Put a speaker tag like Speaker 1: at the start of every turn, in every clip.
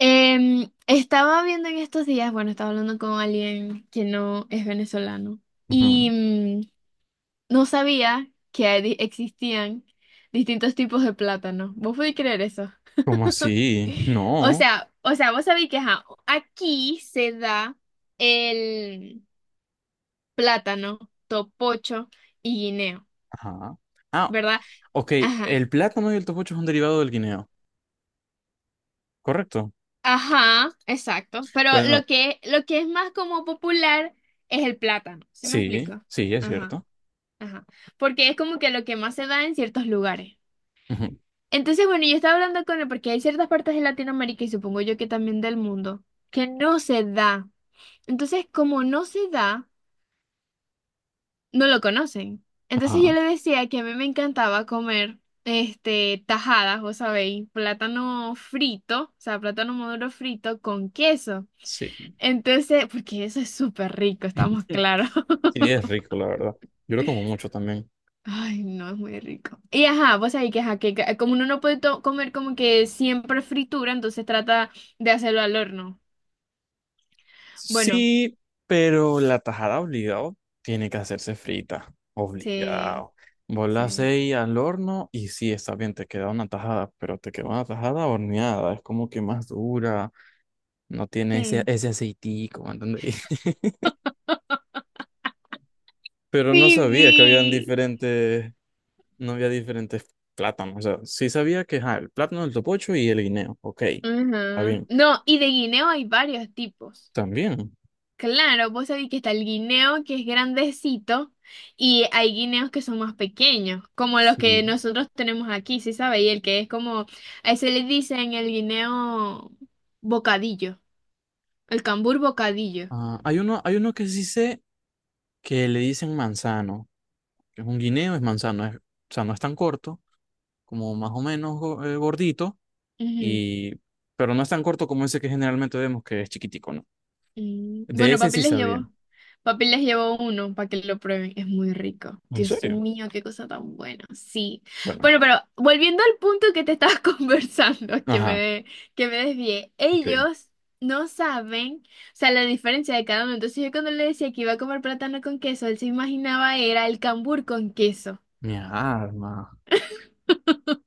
Speaker 1: Estaba viendo en estos días, bueno, estaba hablando con alguien que no es venezolano
Speaker 2: Ujú.
Speaker 1: y no sabía que existían distintos tipos de plátano. ¿Vos podés creer eso?
Speaker 2: ¿Cómo así?
Speaker 1: O
Speaker 2: No.
Speaker 1: sea, o sea, vos sabés que ajá, aquí se da el plátano, topocho y guineo,
Speaker 2: Ajá. Ah,
Speaker 1: ¿verdad?
Speaker 2: ok.
Speaker 1: Ajá.
Speaker 2: El plátano y el topocho es un derivado del guineo, ¿correcto?
Speaker 1: Ajá, exacto. Pero
Speaker 2: Bueno,
Speaker 1: lo que es más como popular es el plátano. ¿Sí me
Speaker 2: sí,
Speaker 1: explico?
Speaker 2: sí, es
Speaker 1: Ajá.
Speaker 2: cierto.
Speaker 1: Ajá, porque es como que lo que más se da en ciertos lugares.
Speaker 2: Ujú.
Speaker 1: Entonces, bueno, yo estaba hablando con él porque hay ciertas partes de Latinoamérica y supongo yo que también del mundo que no se da. Entonces, como no se da, no lo conocen. Entonces yo
Speaker 2: Ajá.
Speaker 1: le decía que a mí me encantaba comer este tajadas, vos sabéis, plátano frito, o sea, plátano maduro frito con queso.
Speaker 2: Sí.
Speaker 1: Entonces, porque eso es súper rico, estamos claros.
Speaker 2: Sí, es rico, la verdad. Yo lo como mucho también.
Speaker 1: Ay, no, es muy rico. Y ajá, vos sabés que, ajá, que como uno no puede comer como que siempre fritura, entonces trata de hacerlo al horno. Bueno,
Speaker 2: Sí, pero la tajada obligado tiene que hacerse frita.
Speaker 1: sí,
Speaker 2: Obligado. Vos la
Speaker 1: sí,
Speaker 2: hacéis al horno y sí, está bien, te queda una tajada, pero te queda una tajada horneada. Es como que más dura. No tiene ese,
Speaker 1: sí.
Speaker 2: ese aceitico, ¿me entendéis? Pero no sabía que habían
Speaker 1: Sí,
Speaker 2: diferentes, no había diferentes plátanos. O sea, sí sabía que ajá, el plátano, el topocho y el guineo. Ok, está
Speaker 1: ajá.
Speaker 2: bien.
Speaker 1: No, y de guineo hay varios tipos.
Speaker 2: También.
Speaker 1: Claro, vos sabés que está el guineo que es grandecito y hay guineos que son más pequeños, como los que
Speaker 2: Sí.
Speaker 1: nosotros tenemos aquí, ¿sí sabe? Y el que es como, a ese le dicen el guineo bocadillo, el cambur bocadillo.
Speaker 2: Ah, hay uno que sí sé que le dicen manzano. Que es un guineo, es manzano. O sea, no es tan corto, como más o menos gordito,
Speaker 1: Ujú,
Speaker 2: y, pero no es tan corto como ese que generalmente vemos que es chiquitico, ¿no?
Speaker 1: mm.
Speaker 2: De
Speaker 1: Bueno,
Speaker 2: ese
Speaker 1: papi
Speaker 2: sí
Speaker 1: les
Speaker 2: sabía.
Speaker 1: llevo. Papi les llevo uno para que lo prueben. Es muy rico.
Speaker 2: ¿En
Speaker 1: Dios
Speaker 2: serio?
Speaker 1: mío, qué cosa tan buena. Sí.
Speaker 2: Bueno,
Speaker 1: Bueno, pero volviendo al punto que te estabas conversando,
Speaker 2: ajá,
Speaker 1: que me desvié.
Speaker 2: ok.
Speaker 1: Ellos no saben, o sea, la diferencia de cada uno. Entonces yo cuando le decía que iba a comer plátano con queso, él se imaginaba era el cambur con queso.
Speaker 2: Mi arma.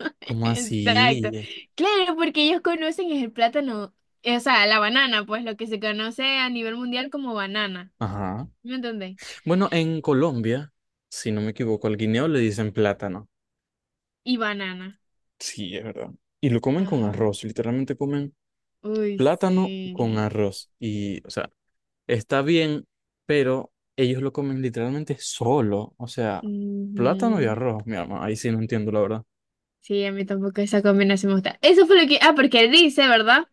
Speaker 2: ¿Cómo
Speaker 1: Exacto.
Speaker 2: así?
Speaker 1: Claro, porque ellos conocen es el plátano, o sea, la banana, pues lo que se conoce a nivel mundial como banana.
Speaker 2: Ajá.
Speaker 1: ¿Me entendés?
Speaker 2: Bueno, en Colombia, si no me equivoco, al guineo le dicen plátano.
Speaker 1: Y banana.
Speaker 2: Sí, es verdad. Y lo comen con
Speaker 1: Ajá.
Speaker 2: arroz, literalmente comen
Speaker 1: Uy,
Speaker 2: plátano con
Speaker 1: sí.
Speaker 2: arroz. Y, o sea, está bien, pero ellos lo comen literalmente solo. O sea, plátano y
Speaker 1: Ujú.
Speaker 2: arroz, mi arma. Ahí sí no entiendo, la verdad.
Speaker 1: Sí, a mí tampoco esa combinación me gusta. Eso fue lo que... Ah, porque dice, ¿verdad?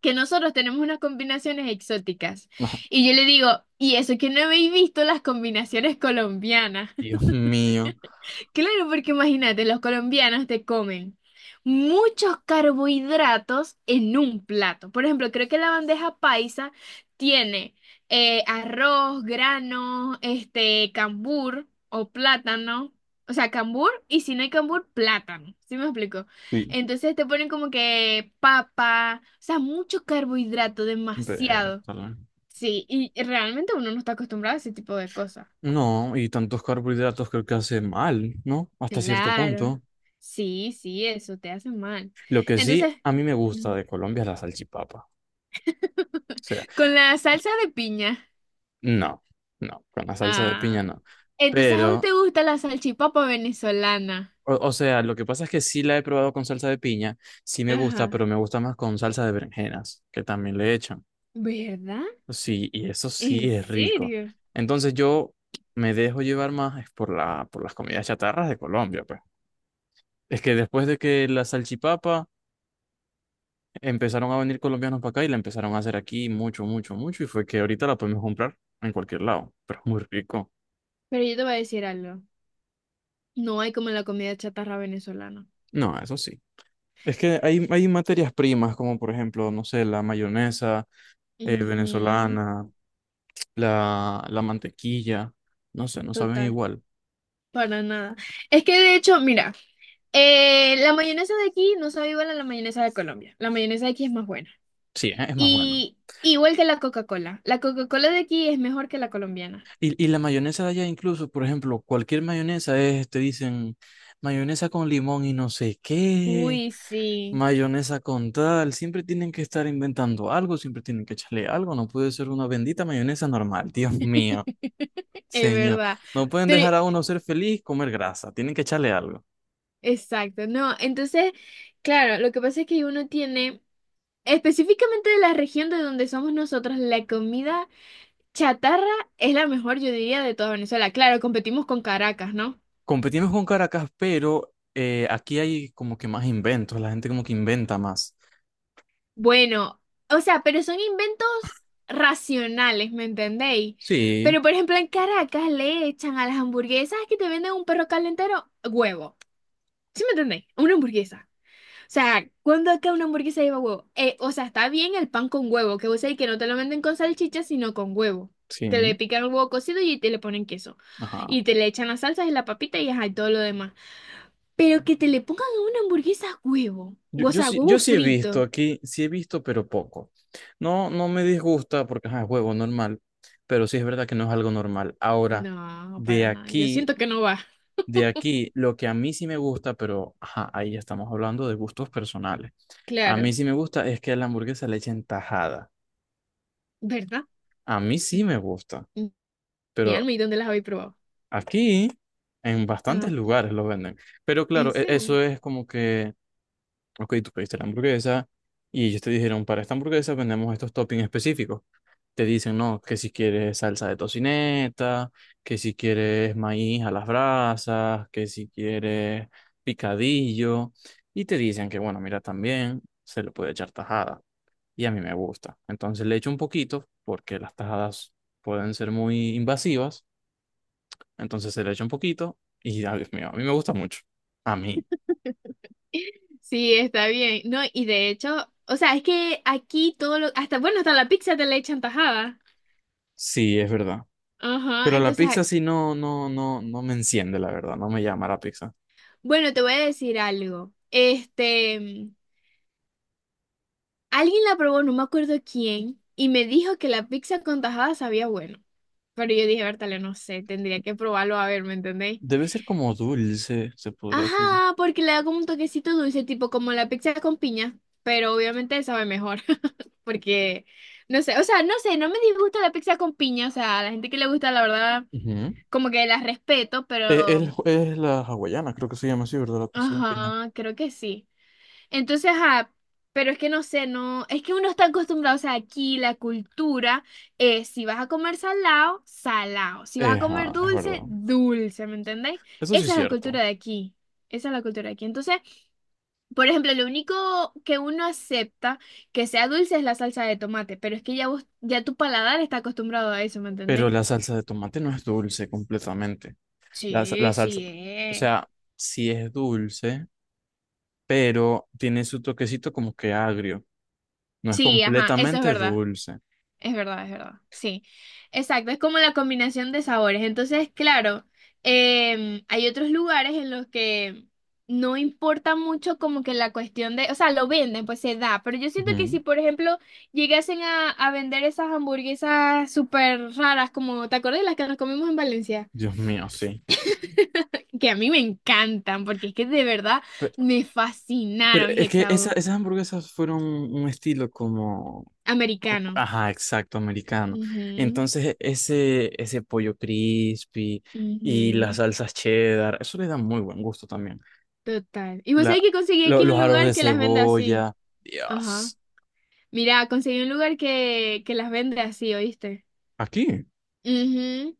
Speaker 1: Que nosotros tenemos unas combinaciones exóticas.
Speaker 2: Ajá.
Speaker 1: Y yo le digo, y eso que no habéis visto las combinaciones colombianas.
Speaker 2: Dios mío.
Speaker 1: Claro, porque imagínate, los colombianos te comen muchos carbohidratos en un plato. Por ejemplo, creo que la bandeja paisa tiene arroz, granos, este, cambur o plátano. O sea, cambur y si no hay cambur, plátano. ¿Sí me explico?
Speaker 2: Sí.
Speaker 1: Entonces te ponen como que papa, o sea, mucho carbohidrato, demasiado.
Speaker 2: Vértale.
Speaker 1: Sí, y realmente uno no está acostumbrado a ese tipo de cosas.
Speaker 2: No, y tantos carbohidratos creo que hace mal, ¿no? Hasta cierto
Speaker 1: Claro.
Speaker 2: punto.
Speaker 1: Sí, sí, eso te hace mal.
Speaker 2: Lo que sí
Speaker 1: Entonces,
Speaker 2: a mí me gusta
Speaker 1: Mm.
Speaker 2: de Colombia es la salchipapa. O sea,
Speaker 1: con la salsa de piña.
Speaker 2: no, no, con la salsa de piña
Speaker 1: Ah.
Speaker 2: no.
Speaker 1: Entonces, ¿a vos
Speaker 2: Pero,
Speaker 1: te gusta la salchipapa venezolana?
Speaker 2: o sea, lo que pasa es que sí la he probado con salsa de piña, sí me gusta,
Speaker 1: Ajá.
Speaker 2: pero me gusta más con salsa de berenjenas, que también le echan.
Speaker 1: ¿Verdad?
Speaker 2: Sí, y eso
Speaker 1: ¿En
Speaker 2: sí es rico.
Speaker 1: serio?
Speaker 2: Entonces yo me dejo llevar más es por por las comidas chatarras de Colombia, pues. Es que después de que la salchipapa empezaron a venir colombianos para acá y la empezaron a hacer aquí mucho, mucho, mucho. Y fue que ahorita la podemos comprar en cualquier lado, pero es muy rico.
Speaker 1: Pero yo te voy a decir algo. No hay como la comida chatarra venezolana.
Speaker 2: No, eso sí. Es que hay materias primas, como por ejemplo, no sé, la mayonesa
Speaker 1: Ujú,
Speaker 2: venezolana, la mantequilla. No sé, no saben
Speaker 1: total,
Speaker 2: igual.
Speaker 1: para nada. Es que de hecho, mira, la mayonesa de aquí no sabe igual a la mayonesa de Colombia. La mayonesa de aquí es más buena.
Speaker 2: Sí, es más bueno.
Speaker 1: Y igual que la Coca-Cola. La Coca-Cola de aquí es mejor que la colombiana.
Speaker 2: Y la mayonesa de allá incluso, por ejemplo, cualquier mayonesa es, te dicen, mayonesa con limón y no sé qué.
Speaker 1: Uy, sí,
Speaker 2: Mayonesa con tal, siempre tienen que estar inventando algo, siempre tienen que echarle algo, no puede ser una bendita mayonesa normal. Dios mío,
Speaker 1: es
Speaker 2: señor.
Speaker 1: verdad.
Speaker 2: No pueden
Speaker 1: Pero,
Speaker 2: dejar a uno ser feliz, comer grasa, tienen que echarle algo.
Speaker 1: exacto, no. Entonces, claro, lo que pasa es que uno tiene, específicamente de la región de donde somos nosotros, la comida chatarra es la mejor, yo diría, de toda Venezuela. Claro, competimos con Caracas, ¿no?
Speaker 2: Competimos con Caracas, pero aquí hay como que más inventos, la gente como que inventa más.
Speaker 1: Bueno, o sea, pero son inventos racionales, ¿me entendéis?
Speaker 2: Sí,
Speaker 1: Pero por ejemplo, en Caracas le echan a las hamburguesas que te venden un perro calentero huevo. ¿Sí me entendéis? Una hamburguesa. O sea, ¿cuándo acá una hamburguesa lleva huevo? O sea, está bien el pan con huevo, que vos sabés que no te lo venden con salchicha, sino con huevo. Te le
Speaker 2: sí,
Speaker 1: pican el huevo cocido y te le ponen queso.
Speaker 2: ajá.
Speaker 1: Y te le echan las salsas y la papita y ajá, y todo lo demás. Pero que te le pongan a una hamburguesa huevo.
Speaker 2: Yo,
Speaker 1: O
Speaker 2: yo
Speaker 1: sea,
Speaker 2: sí,
Speaker 1: huevo
Speaker 2: yo sí he visto
Speaker 1: frito.
Speaker 2: aquí, sí he visto, pero poco. No, no me disgusta porque ajá, es juego normal, pero sí es verdad que no es algo normal. Ahora,
Speaker 1: No,
Speaker 2: de
Speaker 1: para nada. Yo
Speaker 2: aquí.
Speaker 1: siento que no va.
Speaker 2: De aquí, lo que a mí sí me gusta, pero ajá, ahí ya estamos hablando de gustos personales. A mí
Speaker 1: Claro,
Speaker 2: sí me gusta es que a la hamburguesa le echen tajada.
Speaker 1: ¿verdad?
Speaker 2: A mí sí me gusta,
Speaker 1: Mm, Mi
Speaker 2: pero
Speaker 1: alma, ¿y dónde las habéis probado?
Speaker 2: aquí en
Speaker 1: Ah,
Speaker 2: bastantes lugares lo venden. Pero
Speaker 1: ¿en
Speaker 2: claro,
Speaker 1: serio?
Speaker 2: eso es como que ok, tú pediste la hamburguesa y ellos te dijeron, para esta hamburguesa vendemos estos toppings específicos. Te dicen, no, que si quieres salsa de tocineta, que si quieres maíz a las brasas, que si quieres picadillo. Y te dicen que, bueno, mira, también se le puede echar tajada. Y a mí me gusta. Entonces le echo un poquito, porque las tajadas pueden ser muy invasivas. Entonces se le echa un poquito y, ay, Dios mío, a mí me gusta mucho. A mí.
Speaker 1: Sí, está bien. No, y de hecho, o sea, es que aquí todo lo, hasta, bueno, hasta la pizza te la echan tajada.
Speaker 2: Sí, es verdad.
Speaker 1: Ajá,
Speaker 2: Pero la
Speaker 1: entonces, ay,
Speaker 2: pizza sí no, no, no, no me enciende, la verdad, no me llama la pizza.
Speaker 1: bueno, te voy a decir algo. Este, alguien la probó, no me acuerdo quién, y me dijo que la pizza con tajada sabía bueno. Pero yo dije, Bertale, no sé, tendría que probarlo a ver, ¿me entendéis?
Speaker 2: Debe ser como dulce, se podría decir.
Speaker 1: Ajá, porque le da como un toquecito dulce, tipo como la pizza con piña, pero obviamente sabe mejor, porque no sé, o sea, no sé, no me disgusta la pizza con piña, o sea, a la gente que le gusta, la verdad,
Speaker 2: Ujú.
Speaker 1: como que la respeto, pero,
Speaker 2: La hawaiana, creo que se llama así, ¿verdad? La pizza con piña.
Speaker 1: ajá, creo que sí. Entonces, ajá, pero es que no sé, no, es que uno está acostumbrado, o sea, aquí la cultura es, si vas a comer salado, salado, si vas a comer
Speaker 2: Es
Speaker 1: dulce,
Speaker 2: verdad.
Speaker 1: dulce, ¿me entendéis?
Speaker 2: Eso sí es
Speaker 1: Esa es la cultura
Speaker 2: cierto.
Speaker 1: de aquí, esa es la cultura de aquí. Entonces, por ejemplo, lo único que uno acepta que sea dulce es la salsa de tomate, pero es que ya vos, ya tu paladar está acostumbrado a eso, ¿me
Speaker 2: Pero
Speaker 1: entendéis?
Speaker 2: la salsa de tomate no es dulce completamente.
Speaker 1: Sí,
Speaker 2: La salsa,
Speaker 1: sí
Speaker 2: o
Speaker 1: es.
Speaker 2: sea, sí es dulce, pero tiene su toquecito como que agrio. No es
Speaker 1: Sí, ajá, eso es
Speaker 2: completamente
Speaker 1: verdad.
Speaker 2: dulce.
Speaker 1: Es verdad, es verdad. Sí, exacto. Es como la combinación de sabores. Entonces, claro, hay otros lugares en los que no importa mucho como que la cuestión de, o sea, lo venden, pues se da. Pero yo siento que si,
Speaker 2: Ujú.
Speaker 1: por ejemplo, llegasen a vender esas hamburguesas súper raras, como, ¿te acuerdas de las que nos comimos en Valencia?
Speaker 2: Dios mío, sí.
Speaker 1: Que a mí me encantan, porque es que de verdad me
Speaker 2: Pero
Speaker 1: fascinaron,
Speaker 2: es que
Speaker 1: Hexau.
Speaker 2: esas hamburguesas fueron un estilo como,
Speaker 1: Americano.
Speaker 2: ajá, exacto, americano.
Speaker 1: Ujú,
Speaker 2: Entonces, ese pollo crispy y las
Speaker 1: ujú.
Speaker 2: salsas cheddar, eso le da muy buen gusto también.
Speaker 1: Total. Y vos sabés
Speaker 2: La,
Speaker 1: que conseguí aquí
Speaker 2: los
Speaker 1: un
Speaker 2: aros de
Speaker 1: lugar que las vende así.
Speaker 2: cebolla,
Speaker 1: Ajá.
Speaker 2: Dios.
Speaker 1: Mira, conseguí un lugar que las vende así, ¿oíste?
Speaker 2: Aquí.
Speaker 1: Mhm.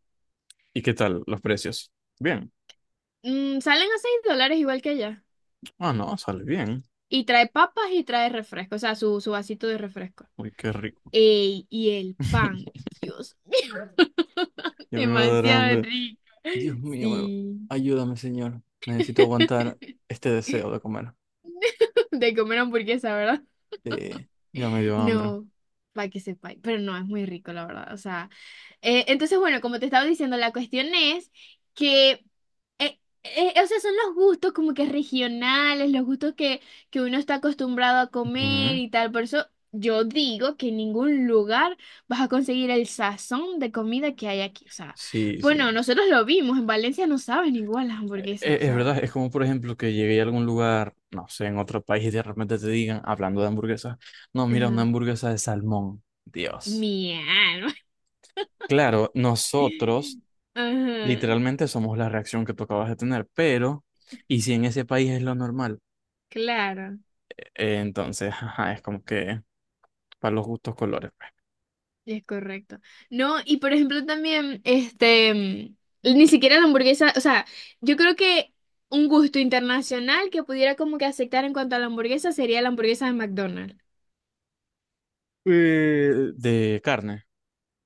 Speaker 2: ¿Y qué tal los precios? Bien.
Speaker 1: Salen a $6 igual que allá.
Speaker 2: Ah, no, sale bien.
Speaker 1: Y trae papas y trae refresco, o sea, su vasito de refresco.
Speaker 2: Uy, qué rico.
Speaker 1: Ey, y el pan. Dios,
Speaker 2: Ya me va a dar
Speaker 1: demasiado
Speaker 2: hambre.
Speaker 1: rico.
Speaker 2: Dios mío, me-
Speaker 1: Sí.
Speaker 2: Ayúdame, señor. Necesito aguantar este deseo de comer.
Speaker 1: De comer hamburguesa, ¿verdad?
Speaker 2: Sí, ya me dio hambre.
Speaker 1: No, para que sepáis, pero no, es muy rico, la verdad. O sea, entonces, bueno, como te estaba diciendo, la cuestión es que, o sea, son los gustos como que regionales, los gustos que uno está acostumbrado a comer
Speaker 2: Ujú.
Speaker 1: y tal. Por eso yo digo que en ningún lugar vas a conseguir el sazón de comida que hay aquí. O sea,
Speaker 2: Sí,
Speaker 1: bueno,
Speaker 2: sí.
Speaker 1: nosotros lo vimos, en Valencia no saben igual las hamburguesas, o sea,
Speaker 2: Verdad, es como por ejemplo que llegué a algún lugar, no sé, en otro país y de repente te digan, hablando de hamburguesas, no, mira, una
Speaker 1: ajá,
Speaker 2: hamburguesa de salmón. Dios.
Speaker 1: mi alma.
Speaker 2: Claro, nosotros
Speaker 1: Ajá,
Speaker 2: literalmente somos la reacción que tú acabas de tener, pero, ¿y si en ese país es lo normal?
Speaker 1: claro.
Speaker 2: Entonces, ajá, es como que para los gustos colores, pues.
Speaker 1: Es correcto. No, y por ejemplo también, este, ni siquiera la hamburguesa, o sea, yo creo que un gusto internacional que pudiera como que aceptar en cuanto a la hamburguesa sería la hamburguesa de McDonald's.
Speaker 2: De carne,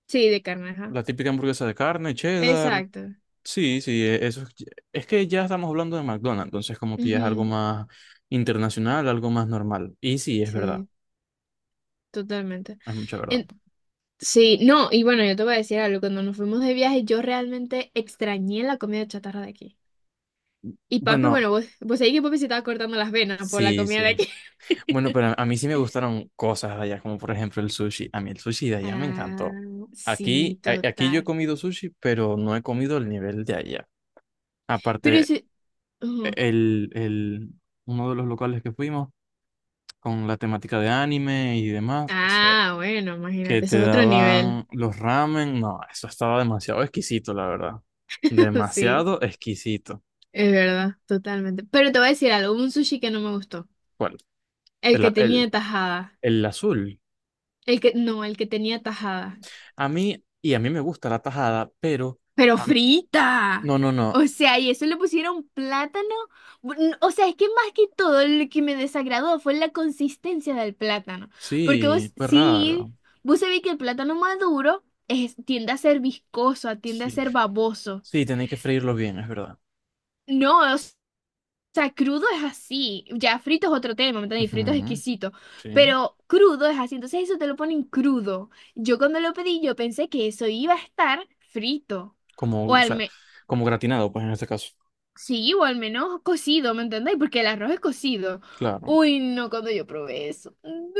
Speaker 1: Sí, de carne, ajá.
Speaker 2: la típica hamburguesa de carne, cheddar.
Speaker 1: Exacto.
Speaker 2: Sí, sí, eso es que ya estamos hablando de McDonald's, entonces como que ya es algo
Speaker 1: Ujú,
Speaker 2: más internacional, algo más normal. Y sí, es verdad,
Speaker 1: sí, totalmente.
Speaker 2: es mucha verdad.
Speaker 1: En- sí, no, y bueno, yo te voy a decir algo, cuando nos fuimos de viaje yo realmente extrañé la comida chatarra de aquí. Y papi,
Speaker 2: Bueno,
Speaker 1: bueno, vos sabés que papi se estaba cortando las venas por la
Speaker 2: sí,
Speaker 1: comida de
Speaker 2: sí.
Speaker 1: aquí.
Speaker 2: Bueno, pero a mí sí me gustaron cosas de allá, como por ejemplo el sushi. A mí el sushi de allá me encantó.
Speaker 1: Ah, sí,
Speaker 2: Aquí, aquí yo he
Speaker 1: total.
Speaker 2: comido sushi, pero no he comido el nivel de allá.
Speaker 1: Pero
Speaker 2: Aparte,
Speaker 1: ese... ujú.
Speaker 2: el, el, uno de los locales que fuimos con la temática de anime y demás,
Speaker 1: Ah, bueno,
Speaker 2: que
Speaker 1: imagínate,
Speaker 2: te
Speaker 1: eso es otro nivel.
Speaker 2: daban los ramen. No, eso estaba demasiado exquisito, la verdad.
Speaker 1: Sí,
Speaker 2: Demasiado exquisito.
Speaker 1: es verdad, totalmente. Pero te voy a decir algo, hubo un sushi que no me gustó.
Speaker 2: ¿Cuál?
Speaker 1: El
Speaker 2: El,
Speaker 1: que
Speaker 2: a- el,
Speaker 1: tenía tajada.
Speaker 2: el azul.
Speaker 1: El que, no, el que tenía tajada.
Speaker 2: A mí, y a mí me gusta la tajada, pero...
Speaker 1: Pero
Speaker 2: a mí-
Speaker 1: frita.
Speaker 2: no, no,
Speaker 1: O
Speaker 2: no.
Speaker 1: sea, y eso le pusieron plátano. O sea, es que más que todo lo que me desagradó fue la consistencia del plátano. Porque
Speaker 2: Sí,
Speaker 1: vos,
Speaker 2: fue
Speaker 1: sí,
Speaker 2: raro.
Speaker 1: vos sabés que el plátano maduro es, tiende a ser viscoso, tiende a
Speaker 2: Sí,
Speaker 1: ser baboso.
Speaker 2: sí, tenéis que freírlo bien, es verdad.
Speaker 1: No, o sea, crudo es así. Ya frito es otro tema, ¿me entiendes? Frito es
Speaker 2: Ujú,
Speaker 1: exquisito.
Speaker 2: sí.
Speaker 1: Pero crudo es así. Entonces eso te lo ponen crudo. Yo cuando lo pedí, yo pensé que eso iba a estar frito.
Speaker 2: Como,
Speaker 1: O
Speaker 2: o
Speaker 1: al
Speaker 2: sea,
Speaker 1: menos,
Speaker 2: como gratinado, pues en este caso.
Speaker 1: sí, o al menos cocido, ¿me entendéis? Porque el arroz es cocido.
Speaker 2: Claro.
Speaker 1: Uy, no, cuando yo probé eso. No.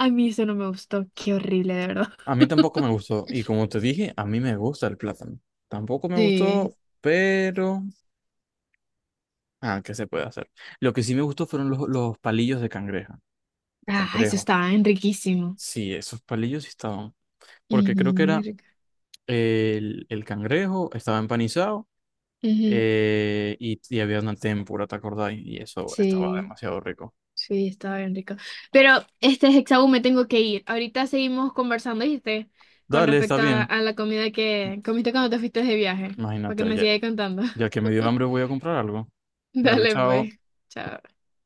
Speaker 1: A mí eso no me gustó. Qué horrible, de verdad.
Speaker 2: A mí tampoco me gustó. Y como te dije, a mí me gusta el plátano. Tampoco me
Speaker 1: Sí.
Speaker 2: gustó, pero... Ah, ¿qué se puede hacer? Lo que sí me gustó fueron los palillos de cangreja, de
Speaker 1: Ah, eso
Speaker 2: cangrejo.
Speaker 1: estaba bien riquísimo.
Speaker 2: Sí, esos palillos sí estaban. Porque
Speaker 1: Ujú,
Speaker 2: creo que
Speaker 1: muy
Speaker 2: era
Speaker 1: rico.
Speaker 2: el cangrejo, estaba empanizado
Speaker 1: Ujú,
Speaker 2: y había una tempura, ¿te acordás? Y eso estaba
Speaker 1: sí.
Speaker 2: demasiado rico.
Speaker 1: Sí, estaba bien rico. Pero, este Hexaú, me tengo que ir. Ahorita seguimos conversando, ¿viste? Con
Speaker 2: Dale, está
Speaker 1: respecto a,
Speaker 2: bien.
Speaker 1: a la comida que comiste cuando te fuiste de viaje. Para que
Speaker 2: Imagínate,
Speaker 1: me sigas contando.
Speaker 2: ya que me dio hambre voy a comprar algo. Dale,
Speaker 1: Dale,
Speaker 2: chao.
Speaker 1: pues. Chao.